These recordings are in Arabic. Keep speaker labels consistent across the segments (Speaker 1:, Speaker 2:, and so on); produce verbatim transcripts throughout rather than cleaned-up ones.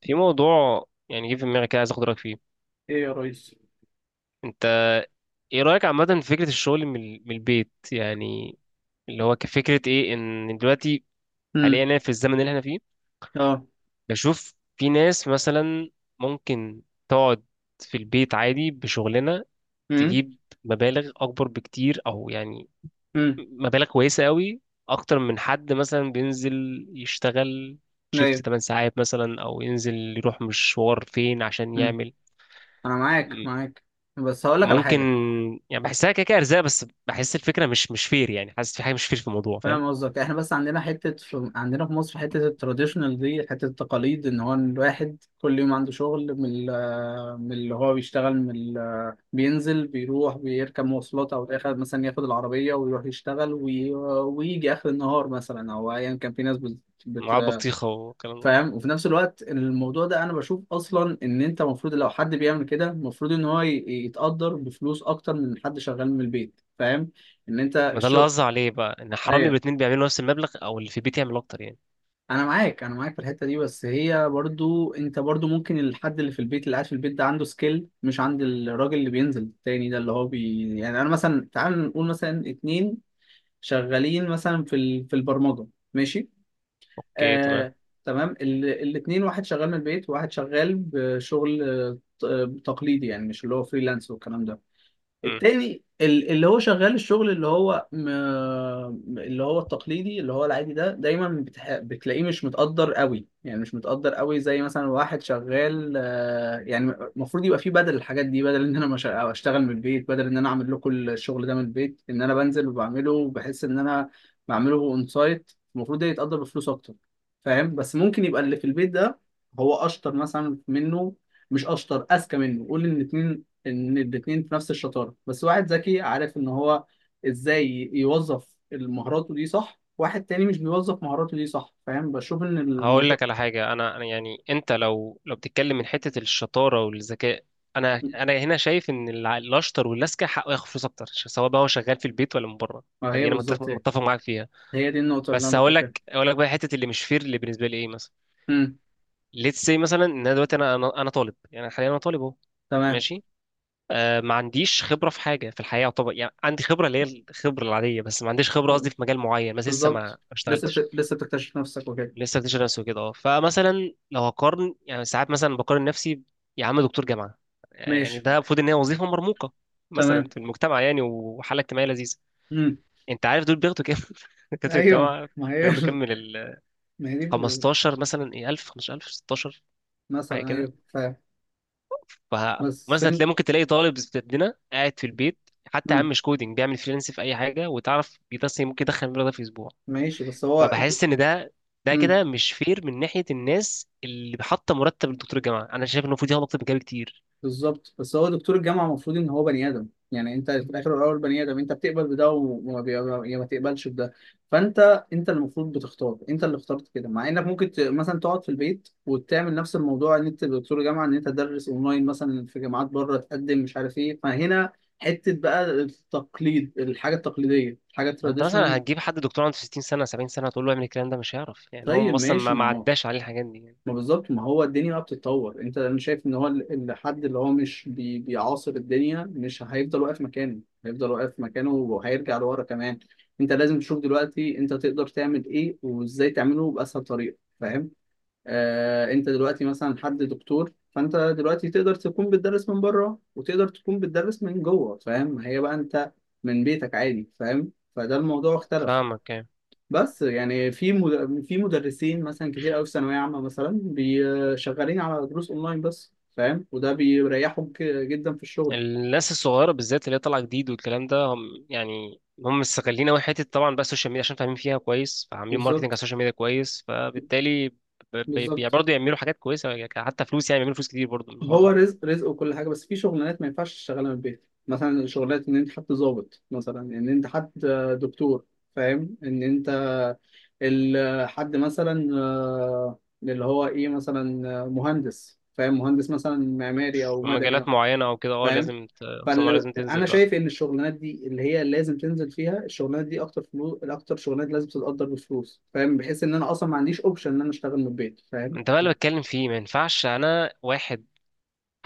Speaker 1: في موضوع يعني جه في دماغي كده، عايز اخد رايك فيه
Speaker 2: ايه يا ريس؟
Speaker 1: انت. ايه رايك عامه في فكره الشغل من ال- من البيت يعني؟ اللي هو كفكره، ايه ان دلوقتي حاليا
Speaker 2: امم
Speaker 1: أنا في الزمن اللي احنا فيه،
Speaker 2: اه
Speaker 1: بشوف في ناس مثلا ممكن تقعد في البيت عادي بشغلنا،
Speaker 2: امم
Speaker 1: تجيب مبالغ اكبر بكتير، او يعني
Speaker 2: امم
Speaker 1: مبالغ كويسه قوي اكتر من حد مثلا بينزل يشتغل شيفت
Speaker 2: ايوه.
Speaker 1: 8 ساعات مثلا، او ينزل يروح مشوار فين عشان
Speaker 2: امم
Speaker 1: يعمل.
Speaker 2: انا معاك معاك، بس هقول لك على
Speaker 1: ممكن
Speaker 2: حاجه.
Speaker 1: يعني بحسها كده كده ارزاق، بس بحس الفكره مش مش فير، يعني حاسس في حاجه مش فير في الموضوع، فاهم؟
Speaker 2: فاهم قصدك؟ احنا بس عندنا حته في... عندنا في مصر حته التراديشنال دي، حته التقاليد، ان هو الواحد كل يوم عنده شغل من ال... من اللي هو بيشتغل من ال... بينزل بيروح بيركب مواصلات او اخر مثلا ياخد العربيه ويروح يشتغل وي... ويجي اخر النهار مثلا او ايا كان، في ناس بت...
Speaker 1: مع
Speaker 2: بت...
Speaker 1: البطيخه والكلام ده.
Speaker 2: فاهم؟ وفي نفس الوقت الموضوع ده انا بشوف اصلا ان انت المفروض، لو حد بيعمل كده، المفروض ان هو ي- يتقدر بفلوس اكتر من حد شغال من البيت. فاهم ان انت
Speaker 1: ما ده اللي
Speaker 2: الشغل؟
Speaker 1: قصدي عليه بقى، ان حرامي
Speaker 2: ايوه،
Speaker 1: الاتنين بيعملوا نفس المبلغ، او اللي في البيت يعمل اكتر يعني.
Speaker 2: انا معاك، انا معاك في الحته دي. بس هي برضو انت برضو ممكن الحد اللي في البيت، اللي قاعد في البيت ده، عنده سكيل مش عند الراجل اللي بينزل التاني ده، اللي هو بي يعني انا مثلا، تعال نقول مثلا اتنين شغالين مثلا في ال... في البرمجه. ماشي،
Speaker 1: اوكي تمام.
Speaker 2: آه، تمام. الاثنين، واحد شغال من البيت وواحد شغال بشغل آه، ت- آه، تقليدي، يعني مش اللي هو فريلانس والكلام ده.
Speaker 1: امم
Speaker 2: التاني ال- اللي هو شغال الشغل اللي هو م... اللي هو التقليدي اللي هو العادي ده، دايما بتح... بتلاقيه مش متقدر قوي، يعني مش متقدر قوي زي مثلا واحد شغال آه، يعني. المفروض يبقى فيه بدل الحاجات دي، بدل ان انا مش... أو اشتغل من البيت، بدل ان انا اعمل لكم الشغل ده من البيت ان انا بنزل وبعمله، بحس ان انا بعمله اون سايت المفروض ده يتقدر بفلوس اكتر. فاهم؟ بس ممكن يبقى اللي في البيت ده هو اشطر مثلا منه. مش اشطر، اذكى منه. قول ان الاثنين، ان الاتنين في نفس الشطاره، بس واحد ذكي عارف ان هو ازاي يوظف مهاراته دي، صح؟ واحد تاني مش بيوظف مهاراته دي، صح؟ فاهم؟ بشوف ان
Speaker 1: هقول
Speaker 2: الموضوع
Speaker 1: لك على حاجه. انا أنا يعني انت لو لو بتتكلم من حته الشطاره والذكاء، انا انا هنا شايف ان الع- الاشطر والاذكى حقه ياخد فلوس اكتر، ش- سواء بقى هو شغال في البيت ولا من بره.
Speaker 2: ما هي
Speaker 1: فدي انا متفق
Speaker 2: بالظبط. هي.
Speaker 1: متفق معاك فيها.
Speaker 2: هي دي النقطه اللي
Speaker 1: بس
Speaker 2: انا
Speaker 1: هقول
Speaker 2: بتكلم فيها.
Speaker 1: لك هقول لك بقى حته اللي مش فير اللي بالنسبه لي ايه مثلا.
Speaker 2: امم
Speaker 1: ليتس سي مثلا ان انا دلوقتي انا انا أنا طالب، يعني حاليا انا طالب اهو.
Speaker 2: تمام،
Speaker 1: ماشي. آه، ما عنديش خبره في حاجه في الحياه طبعا، يعني عندي خبره اللي هي الخبره العاديه، بس ما عنديش خبره قصدي في مجال معين، بس لسه ما ما
Speaker 2: بالظبط. لسه
Speaker 1: اشتغلتش.
Speaker 2: بت... لسه بتكتشف نفسك وكده.
Speaker 1: لسه بكتشف نفسي وكده، اه، فمثلا لو هقارن، يعني ساعات مثلا بقارن نفسي يا عم دكتور جامعه، يعني
Speaker 2: ماشي،
Speaker 1: ده المفروض ان هي وظيفه مرموقه مثلا
Speaker 2: تمام.
Speaker 1: في المجتمع، يعني وحاله اجتماعيه لذيذه.
Speaker 2: امم
Speaker 1: انت عارف دول بياخدوا كام دكاتره
Speaker 2: ايوه،
Speaker 1: الجامعه؟
Speaker 2: ما هي،
Speaker 1: بياخدوا كام من ال
Speaker 2: ما هي دي
Speaker 1: خمستاشر مثلا، ايه، ألف خمستاشر ألف ستاشر حاجه
Speaker 2: مثلا،
Speaker 1: كده.
Speaker 2: ايوه، فاهم. بس
Speaker 1: فمثلا
Speaker 2: انت
Speaker 1: تلاقي، ممكن تلاقي طالب زي بتاعنا قاعد في البيت، حتى يا عم
Speaker 2: مم.
Speaker 1: مش كودينج، بيعمل فريلانس في اي حاجه، وتعرف بيتصل ممكن يدخل المبلغ ده في اسبوع.
Speaker 2: ماشي، بس هو
Speaker 1: فبحس ان ده ده
Speaker 2: مم.
Speaker 1: كده مش فير من ناحيه الناس اللي حاطه مرتب لدكتور الجامعه، انا شايف انه المفروض ياخد اكتر من كده بكتير.
Speaker 2: بالظبط. بس هو دكتور الجامعه المفروض ان هو بني ادم، يعني انت في الاخر والاول بني ادم، انت بتقبل بده وما بي... يا ما تقبلش بده. فانت، انت اللي المفروض بتختار، انت اللي اخترت كده، مع انك ممكن ت... مثلا تقعد في البيت وتعمل نفس الموضوع، ان انت دكتور جامعه ان انت تدرس اونلاين مثلا في جامعات بره، تقدم، مش عارف ايه. فهنا حته بقى التقليد، الحاجه التقليديه، الحاجه
Speaker 1: ما انت مثلا
Speaker 2: التراديشنال.
Speaker 1: هتجيب حد دكتور عنده 60 سنه 70 سنه تقول له اعمل الكلام ده، مش هيعرف، يعني هو
Speaker 2: طيب
Speaker 1: اصلا
Speaker 2: ماشي،
Speaker 1: ما ما
Speaker 2: ما هو،
Speaker 1: عداش عليه الحاجات دي يعني.
Speaker 2: ما بالظبط، ما هو الدنيا بقى بتتطور، انت انا شايف ان هو ال- الحد اللي هو مش بي بيعاصر الدنيا مش هيفضل واقف مكانه، هيفضل واقف مكانه وهيرجع لورا كمان. انت لازم تشوف دلوقتي انت تقدر تعمل ايه وازاي تعمله باسهل طريقه، فاهم؟ آه، انت دلوقتي مثلا حد دكتور، فانت دلوقتي تقدر تكون بتدرس من بره وتقدر تكون بتدرس من جوه، فاهم؟ هي بقى انت من بيتك عادي، فاهم؟ فده الموضوع اختلف.
Speaker 1: فاهمك يعني.
Speaker 2: بس يعني في مد... في مدرسين مثلا كتير قوي في ثانويه عامه مثلا بي- شغالين على دروس اونلاين بس، فاهم؟ وده بيريحهم ك- جدا في الشغل.
Speaker 1: الناس الصغيرة بالذات اللي هي طالعة جديد والكلام ده، هم يعني هم مستغلين أوي حتة طبعا بقى السوشيال ميديا، عشان فاهمين فيها كويس، فعاملين ماركتنج على
Speaker 2: بالظبط،
Speaker 1: السوشيال ميديا كويس، فبالتالي ب- بي- يعني
Speaker 2: بالظبط.
Speaker 1: برضه يعملوا حاجات كويسة، يعني حتى فلوس، يعني بيعملوا فلوس كتير برضه من الحوار
Speaker 2: هو
Speaker 1: ده.
Speaker 2: رزق رزق وكل حاجه، بس في شغلانات ما ينفعش تشتغلها من البيت، مثلا شغلات ان انت حد ضابط مثلا، ان انت حد دكتور، فاهم، ان انت ال- حد مثلا آه، اللي هو ايه مثلا، آه، مهندس، فاهم، مهندس مثلا معماري او
Speaker 1: في مجالات
Speaker 2: مدني،
Speaker 1: معينة أو كده، اه،
Speaker 2: فاهم.
Speaker 1: لازم ت- أقسام لازم تنزل
Speaker 2: فانا
Speaker 1: بقى.
Speaker 2: شايف ان الشغلانات دي اللي هي لازم تنزل فيها، الشغلانات دي اكتر فلوس، اكتر شغلانات لازم تتقدر بفلوس، فاهم، بحيث ان انا اصلا ما عنديش اوبشن ان انا اشتغل من البيت، فاهم.
Speaker 1: أنت بقى اللي بتكلم فيه ما ينفعش أنا واحد،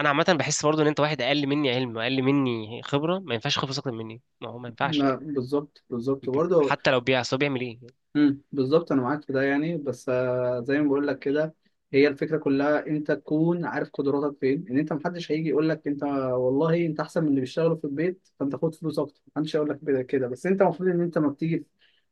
Speaker 1: أنا عامة بحس برضه إن أنت واحد أقل مني علم وأقل مني خبرة، ما ينفعش خبرة أكتر مني، ما هو ما ينفعش
Speaker 2: لا،
Speaker 1: يعني.
Speaker 2: بالظبط، بالظبط
Speaker 1: ب-
Speaker 2: برضه.
Speaker 1: حتى لو بيع، أصل هو بيعمل إيه؟
Speaker 2: امم بالظبط، انا معاك في ده يعني، بس آه، زي ما بقول لك كده، هي الفكره كلها انت تكون عارف قدراتك فين، ان انت محدش هيجي يقول لك انت، والله انت احسن من اللي بيشتغلوا في البيت فانت خد فلوس اكتر، محدش هيقول لك كده كده. بس انت المفروض ان انت ما بتيجي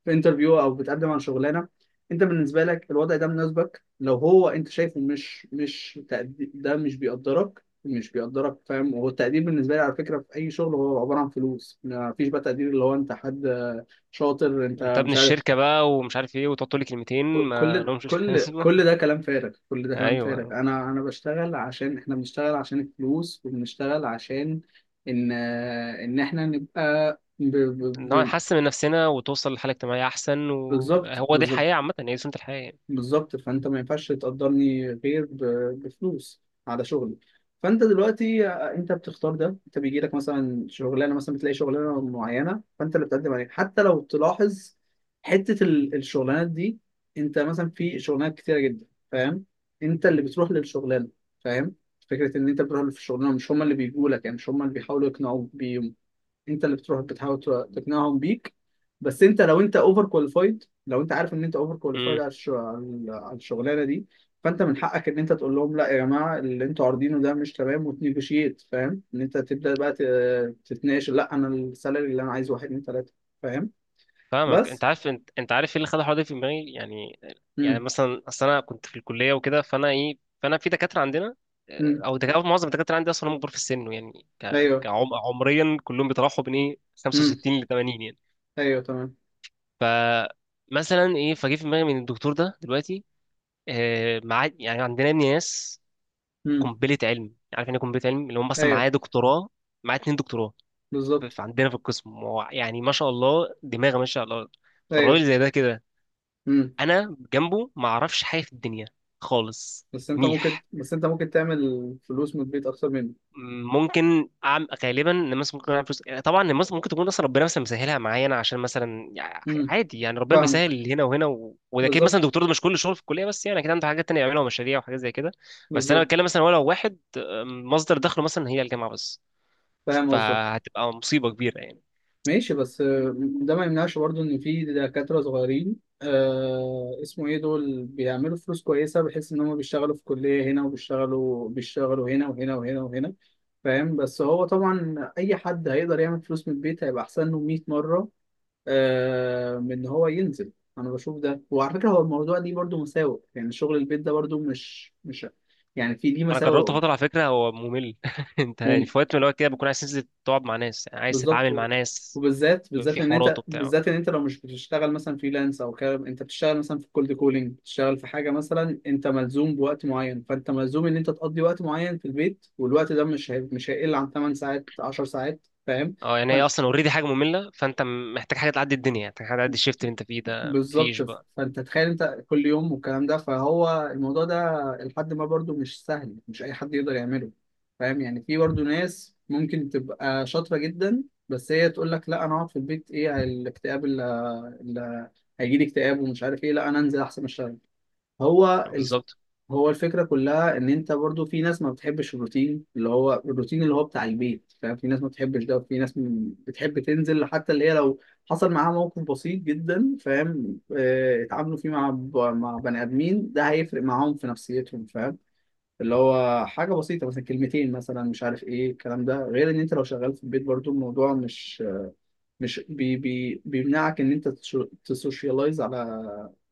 Speaker 2: في انترفيو او بتقدم على شغلانه، انت بالنسبه لك الوضع ده مناسبك، لو هو انت شايفه مش مش تقدي- ده مش بيقدرك، مش بيقدرك، فاهم؟ هو التقدير بالنسبه لي على فكره في اي شغل هو عباره عن فلوس، ما فيش بقى تقدير اللي هو انت حد شاطر، انت
Speaker 1: انت ابن
Speaker 2: مش عارف.
Speaker 1: الشركه بقى، ومش عارف ايه، وتقعد تقول لي كلمتين
Speaker 2: كل
Speaker 1: ما
Speaker 2: كل
Speaker 1: لهمش
Speaker 2: كل
Speaker 1: لازمه.
Speaker 2: كل ده كلام فارغ، كل ده كلام فارغ،
Speaker 1: ايوه،
Speaker 2: انا انا بشتغل عشان احنا بنشتغل عشان الفلوس وبنشتغل عشان ان ان احنا نبقى ب- ب-
Speaker 1: نقعد
Speaker 2: ب-
Speaker 1: نحسن من نفسنا وتوصل لحاله اجتماعيه احسن،
Speaker 2: بالظبط،
Speaker 1: وهو دي
Speaker 2: بالظبط،
Speaker 1: الحياه عامه، هي دي سنه الحياه يعني.
Speaker 2: بالظبط. فانت ما ينفعش تقدرني غير ب- بفلوس على شغلي. فانت دلوقتي انت بتختار ده، انت بيجي لك مثلا شغلانه، مثلا بتلاقي شغلانه معينه فانت اللي بتقدم عليها، حتى لو تلاحظ حته ال- الشغلانات دي، انت مثلا في شغلانات كتيره جدا، فاهم، انت اللي بتروح للشغلانه، فاهم، فكره ان انت بتروح للشغلانه، مش هم اللي بيجوا لك، يعني مش هم اللي بيحاولوا يقنعوك، انت اللي بتروح بتحاول تقنعهم بيك. بس انت لو انت اوفر كواليفايد، لو انت عارف ان انت اوفر كواليفايد
Speaker 1: امم
Speaker 2: على الش- على الشغلانه دي، فانت من حقك ان انت تقول لهم لا يا جماعه، اللي انتوا عارضينه ده مش تمام، وتنيجوشيت، فاهم، ان انت تبدا بقى ت- تتناقش، لا انا السالري اللي انا عايزه واحد اتنين تلاته، فاهم.
Speaker 1: فاهمك. انت
Speaker 2: بس
Speaker 1: عارف، انت, انت عارف ايه اللي خلى الحوار ده في دماغي يعني. يعني
Speaker 2: امم
Speaker 1: مثلا اصل انا كنت في الكليه وكده، فانا، ايه، فانا في دكاتره عندنا، اه،
Speaker 2: امم
Speaker 1: او دكاتره، معظم الدكاتره عندي اصلا هم كبار في السن، يعني ك...
Speaker 2: ايوه،
Speaker 1: كعم... عمريا كلهم بيتراوحوا بين ايه
Speaker 2: امم
Speaker 1: خمسه وستين ل ثمانين يعني.
Speaker 2: ايوه، تمام،
Speaker 1: ف مثلا ايه، فجه في دماغي من الدكتور ده دلوقتي، آه، مع يعني عندنا ناس
Speaker 2: امم
Speaker 1: قنبله علم، عارف يعني ايه قنبله علم، اللي هم اصلا
Speaker 2: ايوه،
Speaker 1: معايا دكتوراه، معايا اتنين دكتوراه. ف- ف-
Speaker 2: بالظبط،
Speaker 1: عندنا في القسم، هو يعني ما شاء الله دماغه ما شاء الله.
Speaker 2: ايوه.
Speaker 1: فالراجل زي ده كده،
Speaker 2: امم
Speaker 1: انا جنبه ما اعرفش حاجه في الدنيا خالص.
Speaker 2: بس انت ممكن،
Speaker 1: ميح.
Speaker 2: بس انت ممكن تعمل فلوس من البيت اكتر مني.
Speaker 1: ممكن أعمل، غالبا ان مثلا ممكن اعمل فلوس، يعني طبعا إن مثلا ممكن تكون اصلا ربنا مثلا مسهلها معايا انا، عشان مثلا يع-
Speaker 2: امم
Speaker 1: عادي يعني، ربنا
Speaker 2: فاهمك،
Speaker 1: بيسهل هنا وهنا و... وده اكيد، مثلا
Speaker 2: بالظبط،
Speaker 1: الدكتور ده مش كل شغل في الكليه بس، يعني اكيد عنده حاجات تانية يعملها ومشاريع وحاجات زي كده. بس انا
Speaker 2: بالظبط.
Speaker 1: بتكلم مثلا ولو واحد أم، مصدر دخله مثلا هي الجامعه بس،
Speaker 2: فاهم قصدك.
Speaker 1: فهتبقى مصيبه كبيره يعني.
Speaker 2: ماشي، بس آه، ده ما يمنعش برضو ان في دكاترة صغيرين، آه اسمه ايه، دول بيعملوا فلوس كويسة بحيث ان هم بيشتغلوا في كلية هنا وبيشتغلوا بيشتغلوا هنا وهنا وهنا وهنا، فاهم. بس هو طبعا اي حد هيقدر يعمل فلوس من البيت هيبقى احسن له مية مرة، آه، من ان هو ينزل. انا بشوف ده، وعلى فكرة هو الموضوع دي برضو مساوئ، يعني شغل البيت ده برضو مش مش يعني، في دي
Speaker 1: انا جربت
Speaker 2: مساوئ.
Speaker 1: فتره على فكره، هو ممل انت يعني في وقت من الوقت كده بكون عايز تنزل تقعد مع ناس، يعني عايز
Speaker 2: بالظبط،
Speaker 1: تتعامل مع
Speaker 2: و-
Speaker 1: ناس
Speaker 2: وبالذات، بالذات
Speaker 1: في
Speaker 2: ان
Speaker 1: حوارات
Speaker 2: انت،
Speaker 1: وبتاع.
Speaker 2: بالذات ان انت لو مش بتشتغل مثلا فريلانس او كده، انت بتشتغل مثلا في كولد كولينج، بتشتغل في حاجه مثلا انت ملزوم بوقت معين، فانت ملزوم ان انت تقضي وقت معين في البيت، والوقت ده مش هي... مش هيقل عن تمن ساعات عشر ساعات، فاهم.
Speaker 1: اه، يعني هي اصلا اوريدي حاجه ممله، فانت م- محتاج حاجه تعدي الدنيا، محتاج حاجه تعدي الشيفت اللي انت فيه ده، مفيش
Speaker 2: بالظبط،
Speaker 1: بقى.
Speaker 2: فانت تخيل انت كل يوم والكلام ده، فهو الموضوع ده لحد ما برضو مش سهل، مش اي حد يقدر يعمله، فاهم يعني. في برضو ناس ممكن تبقى شاطرة جدا، بس هي تقول لك لا انا اقعد في البيت، ايه الاكتئاب اللي، اللي هيجي لي اكتئاب ومش عارف ايه، لا انا انزل احسن اشتغل. هو الف...
Speaker 1: بالظبط.
Speaker 2: هو الفكرة كلها ان انت برضو في ناس ما بتحبش الروتين اللي هو الروتين اللي هو بتاع البيت، فاهم، في ناس ما بتحبش ده، وفي ناس م- بتحب تنزل، حتى اللي هي لو حصل معاها موقف بسيط جدا، فاهم، آه، اتعاملوا فيه مع ب... مع بني ادمين، ده هيفرق معاهم في نفسيتهم، فاهم، اللي هو حاجة بسيطة مثلا، كلمتين مثلا مش عارف ايه الكلام ده، غير ان انت لو شغال في البيت برضو الموضوع مش مش بي... بي... بيمنعك ان انت تش- تسوشيالايز على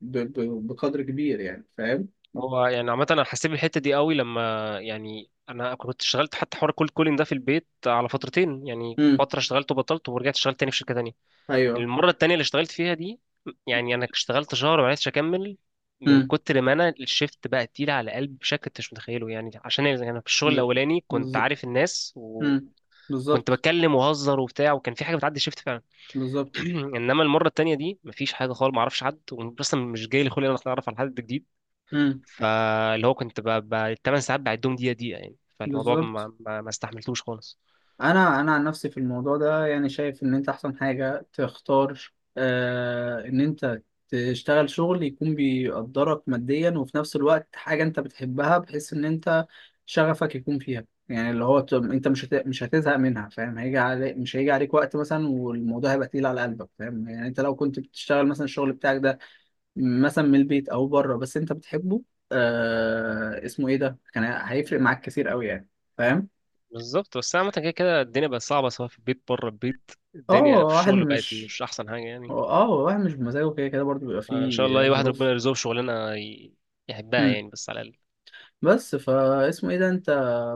Speaker 2: ب... ب... بقدر كبير يعني، فاهم.
Speaker 1: هو يعني عامه انا حسيت بالحته دي قوي لما، يعني انا كنت اشتغلت حتى حوار كولد كولين ده في البيت على فترتين، يعني
Speaker 2: امم
Speaker 1: فتره اشتغلت وبطلت ورجعت اشتغلت تاني في شركه تانيه.
Speaker 2: ايوه،
Speaker 1: المره التانيه اللي اشتغلت فيها دي، يعني انا اشتغلت شهر ومعرفتش اكمل، من
Speaker 2: امم
Speaker 1: كتر ما انا الشيفت بقى تقيل على قلبي بشكل انت مش متخيله يعني. عشان يعني انا في الشغل الاولاني كنت
Speaker 2: بالظبط،
Speaker 1: عارف الناس،
Speaker 2: امم
Speaker 1: وكنت
Speaker 2: بالظبط،
Speaker 1: بتكلم وهزر وبتاع، وكان في حاجه بتعدي الشيفت.
Speaker 2: بالظبط،
Speaker 1: انما المره التانيه دي مفيش حاجه خالص، ما اعرفش حد، واصلا مش جاي لي خلق ان انا اتعرف على حد جديد.
Speaker 2: امم
Speaker 1: فاللي هو كنت ب... الثمان ساعات بعدهم دقيقه دقيقه يعني، فالموضوع
Speaker 2: بالظبط.
Speaker 1: ما, ما... ما استحملتوش خالص.
Speaker 2: انا انا عن نفسي في الموضوع ده يعني شايف ان انت احسن حاجه تختار، آه، ان انت تشتغل شغل يكون بيقدرك ماديا، وفي نفس الوقت حاجه انت بتحبها، بحيث ان انت شغفك يكون فيها، يعني اللي هو ت- انت مش هت... مش هتزهق منها، فاهم، هيجي عليك مش هيجي عليك وقت مثلا والموضوع هيبقى تقيل على قلبك، فاهم يعني، انت لو كنت بتشتغل مثلا الشغل بتاعك ده مثلا من البيت او بره بس انت بتحبه، آه اسمه ايه، ده كان هيفرق معاك كتير قوي يعني، فاهم.
Speaker 1: بالظبط. بس عامه كده كده الدنيا بقت صعبه، سواء في البيت بره البيت،
Speaker 2: اه
Speaker 1: الدنيا في
Speaker 2: واحد
Speaker 1: الشغل بقت
Speaker 2: مش،
Speaker 1: مش احسن حاجه يعني.
Speaker 2: اه واحد مش بمزاجه، كده كده برضه بيبقى
Speaker 1: ان شاء الله
Speaker 2: فيه
Speaker 1: اي واحد ربنا
Speaker 2: ظروف.
Speaker 1: يرزقه بشغلانه ي... يحبها،
Speaker 2: مم.
Speaker 1: يعني بس على الاقل.
Speaker 2: بس فا اسمه ايه ده، انت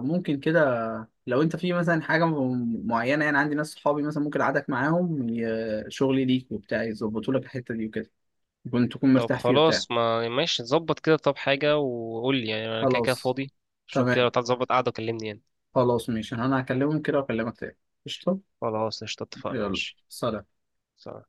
Speaker 2: ممكن كده، لو انت في مثلا حاجه م- معينه، يعني عندي ناس صحابي مثلا ممكن اقعدك معاهم ي- شغلي ليك وبتاع، يظبطوا لك الحته دي وكده، كنت تكون
Speaker 1: طب
Speaker 2: مرتاح فيه وبتاع.
Speaker 1: خلاص، ما ماشي ظبط كده، طب حاجه، وقول لي يعني، انا كده كده
Speaker 2: خلاص،
Speaker 1: فاضي. شوف كده لو
Speaker 2: تمام.
Speaker 1: تعرف تظبط قعده وكلمني يعني.
Speaker 2: خلاص، ماشي، انا هكلمهم كده واكلمك تاني. قشطه.
Speaker 1: خلاص قشطة، اتفقنا،
Speaker 2: يلا،
Speaker 1: ماشي،
Speaker 2: سلام.
Speaker 1: سلام.